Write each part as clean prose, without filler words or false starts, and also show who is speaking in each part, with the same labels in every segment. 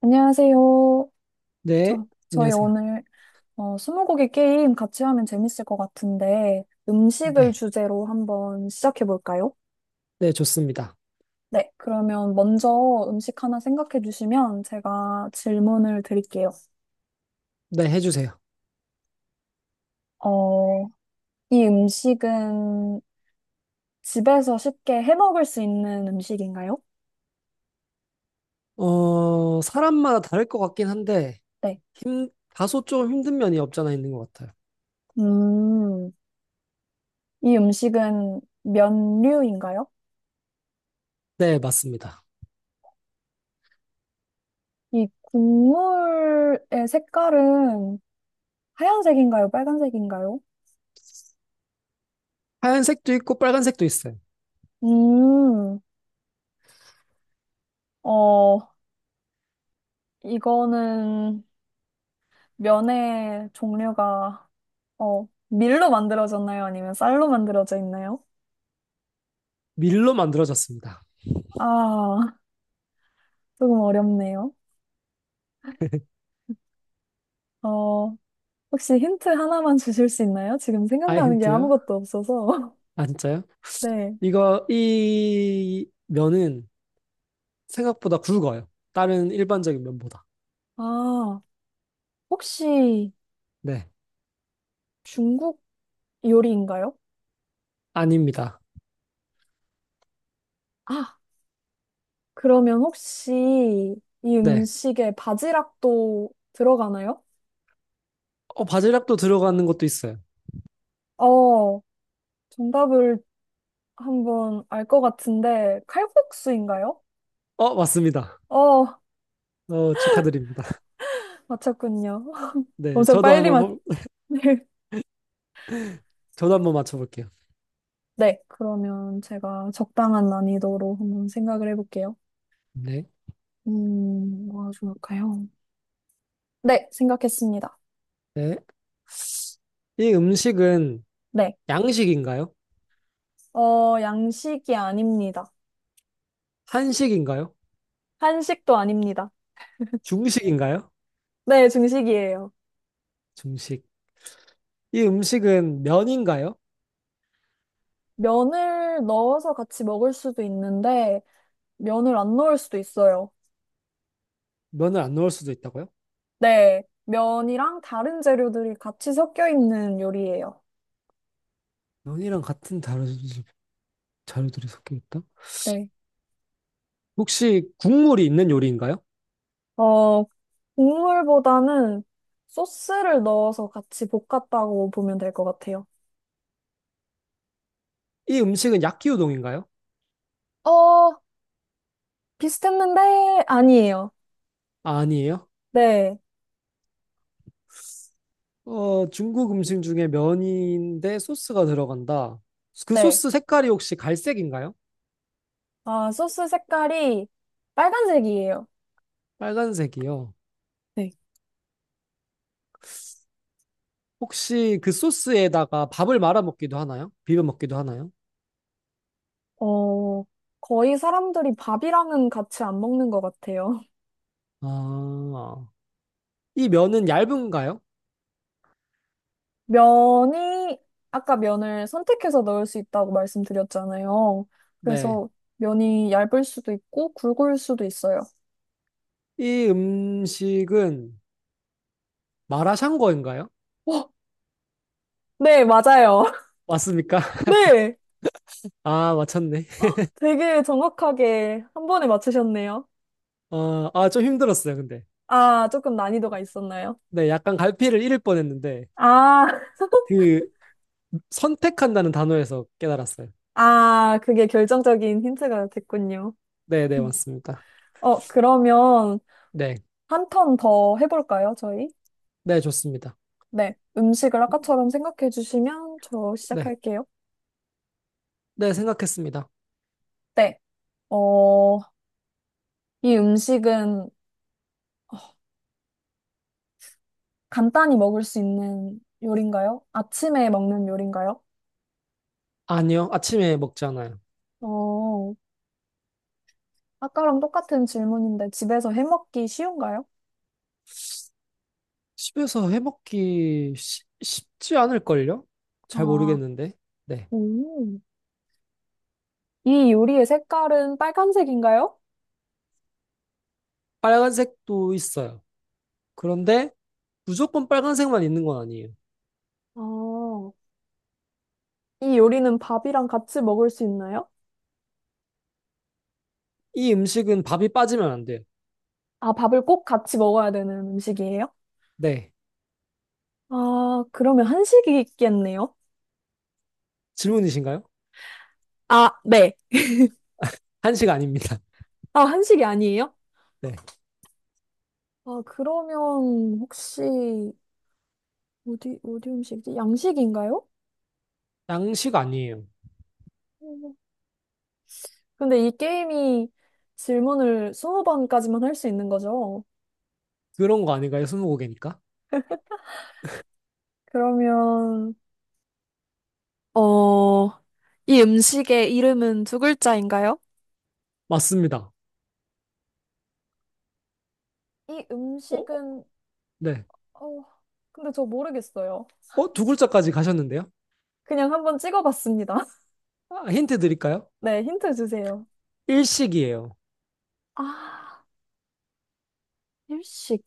Speaker 1: 안녕하세요.
Speaker 2: 네,
Speaker 1: 저희
Speaker 2: 안녕하세요.
Speaker 1: 오늘 스무고개 게임 같이 하면 재밌을 것 같은데 음식을
Speaker 2: 네,
Speaker 1: 주제로 한번 시작해 볼까요?
Speaker 2: 네, 좋습니다.
Speaker 1: 네, 그러면 먼저 음식 하나 생각해 주시면 제가 질문을 드릴게요.
Speaker 2: 네, 해주세요.
Speaker 1: 어, 이 음식은 집에서 쉽게 해 먹을 수 있는 음식인가요?
Speaker 2: 사람마다 다를 것 같긴 한데,
Speaker 1: 네.
Speaker 2: 다소 좀 힘든 면이 없잖아 있는 것 같아요.
Speaker 1: 음, 이 음식은 면류인가요?
Speaker 2: 네, 맞습니다.
Speaker 1: 이 국물의 색깔은 하얀색인가요? 빨간색인가요?
Speaker 2: 하얀색도 있고 빨간색도 있어요.
Speaker 1: 음, 어, 이거는 면의 종류가, 밀로 만들어졌나요? 아니면 쌀로 만들어져 있나요?
Speaker 2: 밀로 만들어졌습니다.
Speaker 1: 아, 조금 어렵네요. 어, 혹시 힌트 하나만 주실 수 있나요? 지금
Speaker 2: 아,
Speaker 1: 생각나는 게
Speaker 2: 힌트요?
Speaker 1: 아무것도 없어서.
Speaker 2: 아, 진짜요?
Speaker 1: 네.
Speaker 2: 이 면은 생각보다 굵어요. 다른 일반적인 면보다.
Speaker 1: 아, 혹시
Speaker 2: 네.
Speaker 1: 중국 요리인가요?
Speaker 2: 아닙니다.
Speaker 1: 아, 그러면 혹시 이
Speaker 2: 네.
Speaker 1: 음식에 바지락도 들어가나요?
Speaker 2: 바질락도 들어가는 것도 있어요.
Speaker 1: 어, 정답을 한번 알 것 같은데 칼국수인가요?
Speaker 2: 맞습니다.
Speaker 1: 어,
Speaker 2: 축하드립니다.
Speaker 1: 맞췄군요.
Speaker 2: 네,
Speaker 1: 엄청
Speaker 2: 저도
Speaker 1: 빨리
Speaker 2: 한번
Speaker 1: 맞.
Speaker 2: 저도 한번 맞춰볼게요.
Speaker 1: 네, 그러면 제가 적당한 난이도로 한번 생각을 해볼게요.
Speaker 2: 네.
Speaker 1: 뭐가 좋을까요? 네, 생각했습니다.
Speaker 2: 네. 이 음식은
Speaker 1: 네,
Speaker 2: 양식인가요?
Speaker 1: 양식이 아닙니다.
Speaker 2: 한식인가요?
Speaker 1: 한식도 아닙니다.
Speaker 2: 중식인가요?
Speaker 1: 네, 중식이에요.
Speaker 2: 중식. 이 음식은 면인가요?
Speaker 1: 면을 넣어서 같이 먹을 수도 있는데 면을 안 넣을 수도 있어요.
Speaker 2: 면을 안 넣을 수도 있다고요?
Speaker 1: 네, 면이랑 다른 재료들이 같이 섞여 있는 요리예요.
Speaker 2: 면이랑 같은 다른 자료들이 섞여 있다?
Speaker 1: 네.
Speaker 2: 혹시 국물이 있는 요리인가요?
Speaker 1: 어, 국물보다는 소스를 넣어서 같이 볶았다고 보면 될 것 같아요.
Speaker 2: 이 음식은 야끼우동인가요?
Speaker 1: 어, 비슷했는데 아니에요.
Speaker 2: 아니에요.
Speaker 1: 네,
Speaker 2: 중국 음식 중에 면인데 소스가 들어간다. 그
Speaker 1: 네.
Speaker 2: 소스 색깔이 혹시 갈색인가요?
Speaker 1: 아, 소스 색깔이 빨간색이에요.
Speaker 2: 빨간색이요.
Speaker 1: 네.
Speaker 2: 혹시 그 소스에다가 밥을 말아 먹기도 하나요? 비벼 먹기도 하나요?
Speaker 1: 어, 거의 사람들이 밥이랑은 같이 안 먹는 것 같아요.
Speaker 2: 아, 이 면은 얇은가요?
Speaker 1: 면이, 아까 면을 선택해서 넣을 수 있다고 말씀드렸잖아요.
Speaker 2: 네.
Speaker 1: 그래서 면이 얇을 수도 있고 굵을 수도 있어요.
Speaker 2: 이 음식은 마라샹궈인가요?
Speaker 1: 어, 네, 맞아요.
Speaker 2: 맞습니까?
Speaker 1: 네.
Speaker 2: 아, 맞췄네.
Speaker 1: 되게 정확하게 한 번에 맞추셨네요.
Speaker 2: 좀 힘들었어요, 근데.
Speaker 1: 아, 조금 난이도가 있었나요?
Speaker 2: 네, 약간 갈피를 잃을 뻔했는데,
Speaker 1: 아,
Speaker 2: 그, 선택한다는 단어에서 깨달았어요.
Speaker 1: 아, 그게 결정적인 힌트가 됐군요.
Speaker 2: 네, 네,
Speaker 1: 음.
Speaker 2: 맞습니다.
Speaker 1: 그러면
Speaker 2: 네,
Speaker 1: 한 턴 더 해볼까요, 저희?
Speaker 2: 네, 좋습니다.
Speaker 1: 네. 음식을 아까처럼 생각해 주시면 저
Speaker 2: 네,
Speaker 1: 시작할게요.
Speaker 2: 네, 생각했습니다.
Speaker 1: 네. 어, 이 음식은 간단히 먹을 수 있는 요리인가요? 아침에 먹는 요리인가요?
Speaker 2: 아니요, 아침에 먹잖아요.
Speaker 1: 어, 아까랑 똑같은 질문인데 집에서 해 먹기 쉬운가요?
Speaker 2: 집에서 해먹기 쉽지 않을걸요? 잘
Speaker 1: 아,
Speaker 2: 모르겠는데. 네,
Speaker 1: 오. 이 요리의 색깔은 빨간색인가요?
Speaker 2: 빨간색도 있어요. 그런데 무조건 빨간색만 있는 건 아니에요.
Speaker 1: 아, 이 요리는 밥이랑 같이 먹을 수 있나요?
Speaker 2: 이 음식은 밥이 빠지면 안 돼요.
Speaker 1: 아, 밥을 꼭 같이 먹어야 되는 음식이에요?
Speaker 2: 네,
Speaker 1: 아, 그러면 한식이겠네요.
Speaker 2: 질문이신가요?
Speaker 1: 아, 네.
Speaker 2: 한식 아닙니다.
Speaker 1: 아, 한식이 아니에요?
Speaker 2: 네,
Speaker 1: 아, 그러면 혹시 어디 어디 음식이지? 양식인가요?
Speaker 2: 양식 아니에요.
Speaker 1: 음. 근데 이 게임이 질문을 20번까지만 할 수 있는 거죠?
Speaker 2: 그런 거 아닌가요? 스무고개니까?
Speaker 1: 그러면 어, 이 음식의 이름은 두 글자인가요?
Speaker 2: 맞습니다.
Speaker 1: 이
Speaker 2: 어?
Speaker 1: 음식은,
Speaker 2: 네.
Speaker 1: 어, 근데 저 모르겠어요.
Speaker 2: 어? 두 글자까지 가셨는데요?
Speaker 1: 그냥 한번 찍어봤습니다.
Speaker 2: 아, 힌트 드릴까요?
Speaker 1: 네, 힌트 주세요.
Speaker 2: 일식이에요.
Speaker 1: 아, 일식.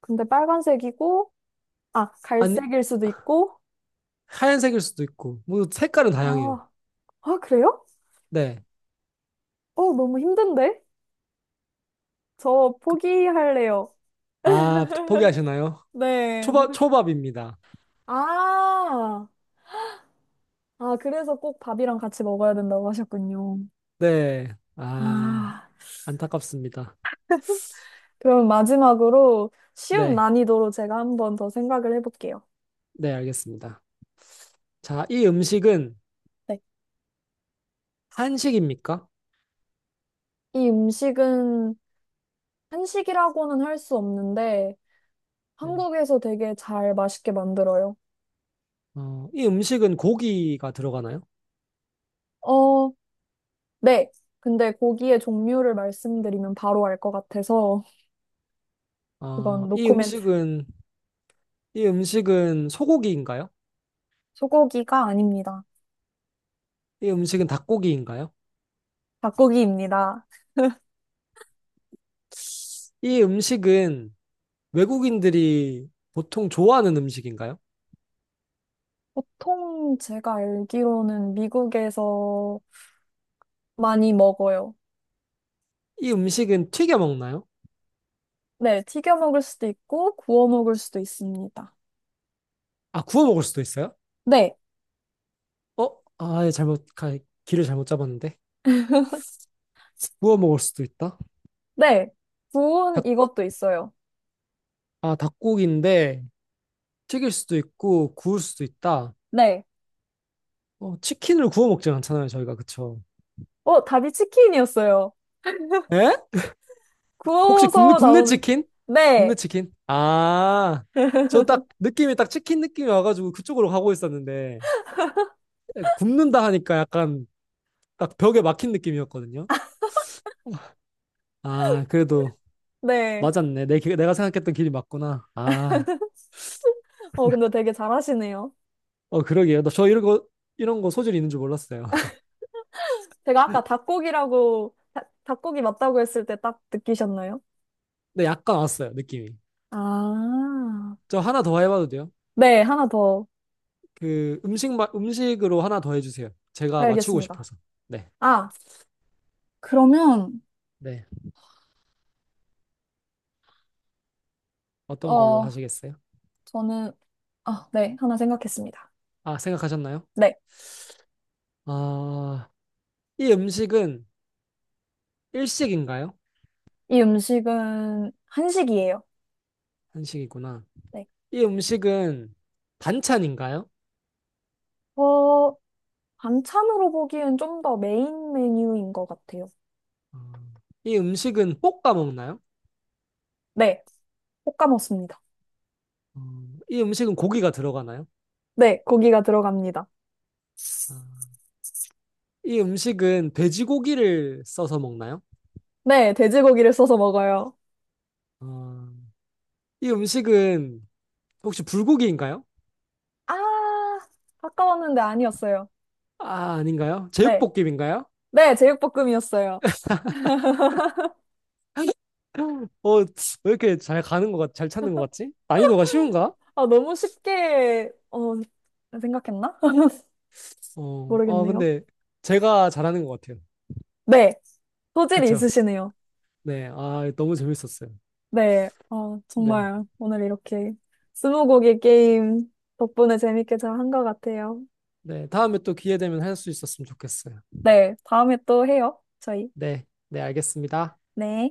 Speaker 1: 근데 빨간색이고, 아,
Speaker 2: 아니,
Speaker 1: 갈색일 수도 있고,
Speaker 2: 하얀색일 수도 있고, 뭐 색깔은 다양해요.
Speaker 1: 아, 아, 그래요?
Speaker 2: 네.
Speaker 1: 어, 너무 힘든데? 저 포기할래요.
Speaker 2: 아, 포기하시나요?
Speaker 1: 네,
Speaker 2: 초밥,
Speaker 1: 모르,
Speaker 2: 초밥입니다.
Speaker 1: 아, 아, 그래서 꼭 밥이랑 같이 먹어야 된다고 하셨군요.
Speaker 2: 네. 아,
Speaker 1: 아,
Speaker 2: 안타깝습니다.
Speaker 1: 그럼 마지막으로 쉬운
Speaker 2: 네.
Speaker 1: 난이도로 제가 한번 더 생각을 해볼게요.
Speaker 2: 네, 알겠습니다. 자, 이 음식은
Speaker 1: 네.
Speaker 2: 한식입니까?
Speaker 1: 이 음식은 한식이라고는 할 수 없는데
Speaker 2: 네.
Speaker 1: 한국에서 되게 잘 맛있게 만들어요.
Speaker 2: 이 음식은 고기가 들어가나요?
Speaker 1: 어, 네. 근데 고기의 종류를 말씀드리면 바로 알 것 같아서
Speaker 2: 어,
Speaker 1: 이건
Speaker 2: 이
Speaker 1: 노코멘트.
Speaker 2: 음식은, 이 음식은 소고기인가요?
Speaker 1: 소고기가 아닙니다.
Speaker 2: 이 음식은 닭고기인가요?
Speaker 1: 닭고기입니다.
Speaker 2: 이 음식은 외국인들이 보통 좋아하는 음식인가요?
Speaker 1: 보통 제가 알기로는 미국에서 많이 먹어요.
Speaker 2: 이 음식은 튀겨 먹나요?
Speaker 1: 네, 튀겨 먹을 수도 있고 구워 먹을 수도 있습니다.
Speaker 2: 아, 구워 먹을 수도 있어요?
Speaker 1: 네,
Speaker 2: 어? 아예 잘못 가, 길을 잘못 잡았는데 구워 먹을 수도 있다.
Speaker 1: 네. 구운
Speaker 2: 닭,
Speaker 1: 이것도 있어요.
Speaker 2: 아, 닭고기인데 튀길 수도 있고 구울 수도 있다.
Speaker 1: 네.
Speaker 2: 치킨을 구워 먹진 않잖아요, 저희가 그쵸?
Speaker 1: 답이 치킨이었어요.
Speaker 2: 에? 혹시 굽네
Speaker 1: 구워서
Speaker 2: 굽네
Speaker 1: 나오는,
Speaker 2: 치킨? 굽네
Speaker 1: 네,
Speaker 2: 치킨? 아, 저 딱 느낌이 딱 치킨 느낌이 와가지고 그쪽으로 가고 있었는데 굽는다 하니까 약간 딱 벽에 막힌 느낌이었거든요. 아, 그래도
Speaker 1: 네.
Speaker 2: 맞았네. 내가 생각했던 길이 맞구나. 아,
Speaker 1: 근데 되게 잘하시네요.
Speaker 2: 어, 그러게요. 나 저 이런 거 소질이 있는 줄 몰랐어요.
Speaker 1: 제가 아까 닭고기라고, 닭고기 맞다고 했을 때 딱 느끼셨나요?
Speaker 2: 네, 약간 왔어요, 느낌이.
Speaker 1: 아,
Speaker 2: 저 하나 더 해봐도 돼요?
Speaker 1: 네, 하나 더
Speaker 2: 음식으로 하나 더 해주세요. 제가 맞추고
Speaker 1: 알겠습니다.
Speaker 2: 싶어서. 네,
Speaker 1: 아, 그러면,
Speaker 2: 네. 어떤 걸로
Speaker 1: 어,
Speaker 2: 하시겠어요?
Speaker 1: 저는, 아, 네, 하나 생각했습니다.
Speaker 2: 아, 생각하셨나요?
Speaker 1: 네,
Speaker 2: 아, 이 음식은 일식인가요?
Speaker 1: 이 음식은 한식이에요.
Speaker 2: 한식이구나.
Speaker 1: 네.
Speaker 2: 이 음식은 반찬인가요?
Speaker 1: 어, 반찬으로 보기엔 좀 더 메인 메뉴인 것 같아요.
Speaker 2: 어, 이 음식은 볶아 먹나요?
Speaker 1: 네, 볶아먹습니다
Speaker 2: 어, 이 음식은 고기가 들어가나요?
Speaker 1: 네, 고기가 들어갑니다.
Speaker 2: 아, 이 음식은 돼지고기를 써서 먹나요?
Speaker 1: 네, 돼지고기를 써서 먹어요.
Speaker 2: 어, 이 음식은 혹시 불고기인가요?
Speaker 1: 아, 아까웠는데 아니었어요.
Speaker 2: 아, 아닌가요?
Speaker 1: 네,
Speaker 2: 제육볶음인가요?
Speaker 1: 네, 제육볶음이었어요.
Speaker 2: 왜 이렇게 잘 찾는 것 같지? 난이도가 쉬운가?
Speaker 1: 아, 너무 쉽게, 생각했나?
Speaker 2: 어,
Speaker 1: 모르겠네요.
Speaker 2: 근데 제가 잘하는 것 같아요.
Speaker 1: 네, 소질이
Speaker 2: 그쵸?
Speaker 1: 있으시네요.
Speaker 2: 네, 아, 너무 재밌었어요.
Speaker 1: 네,
Speaker 2: 네,
Speaker 1: 정말 오늘 이렇게 스무고개 게임 덕분에 재밌게 잘 한 것 같아요.
Speaker 2: 네, 다음에 또 기회 되면 할 수 있었으면 좋겠어요.
Speaker 1: 네, 다음에 또 해요, 저희.
Speaker 2: 네, 네, 알겠습니다.
Speaker 1: 네.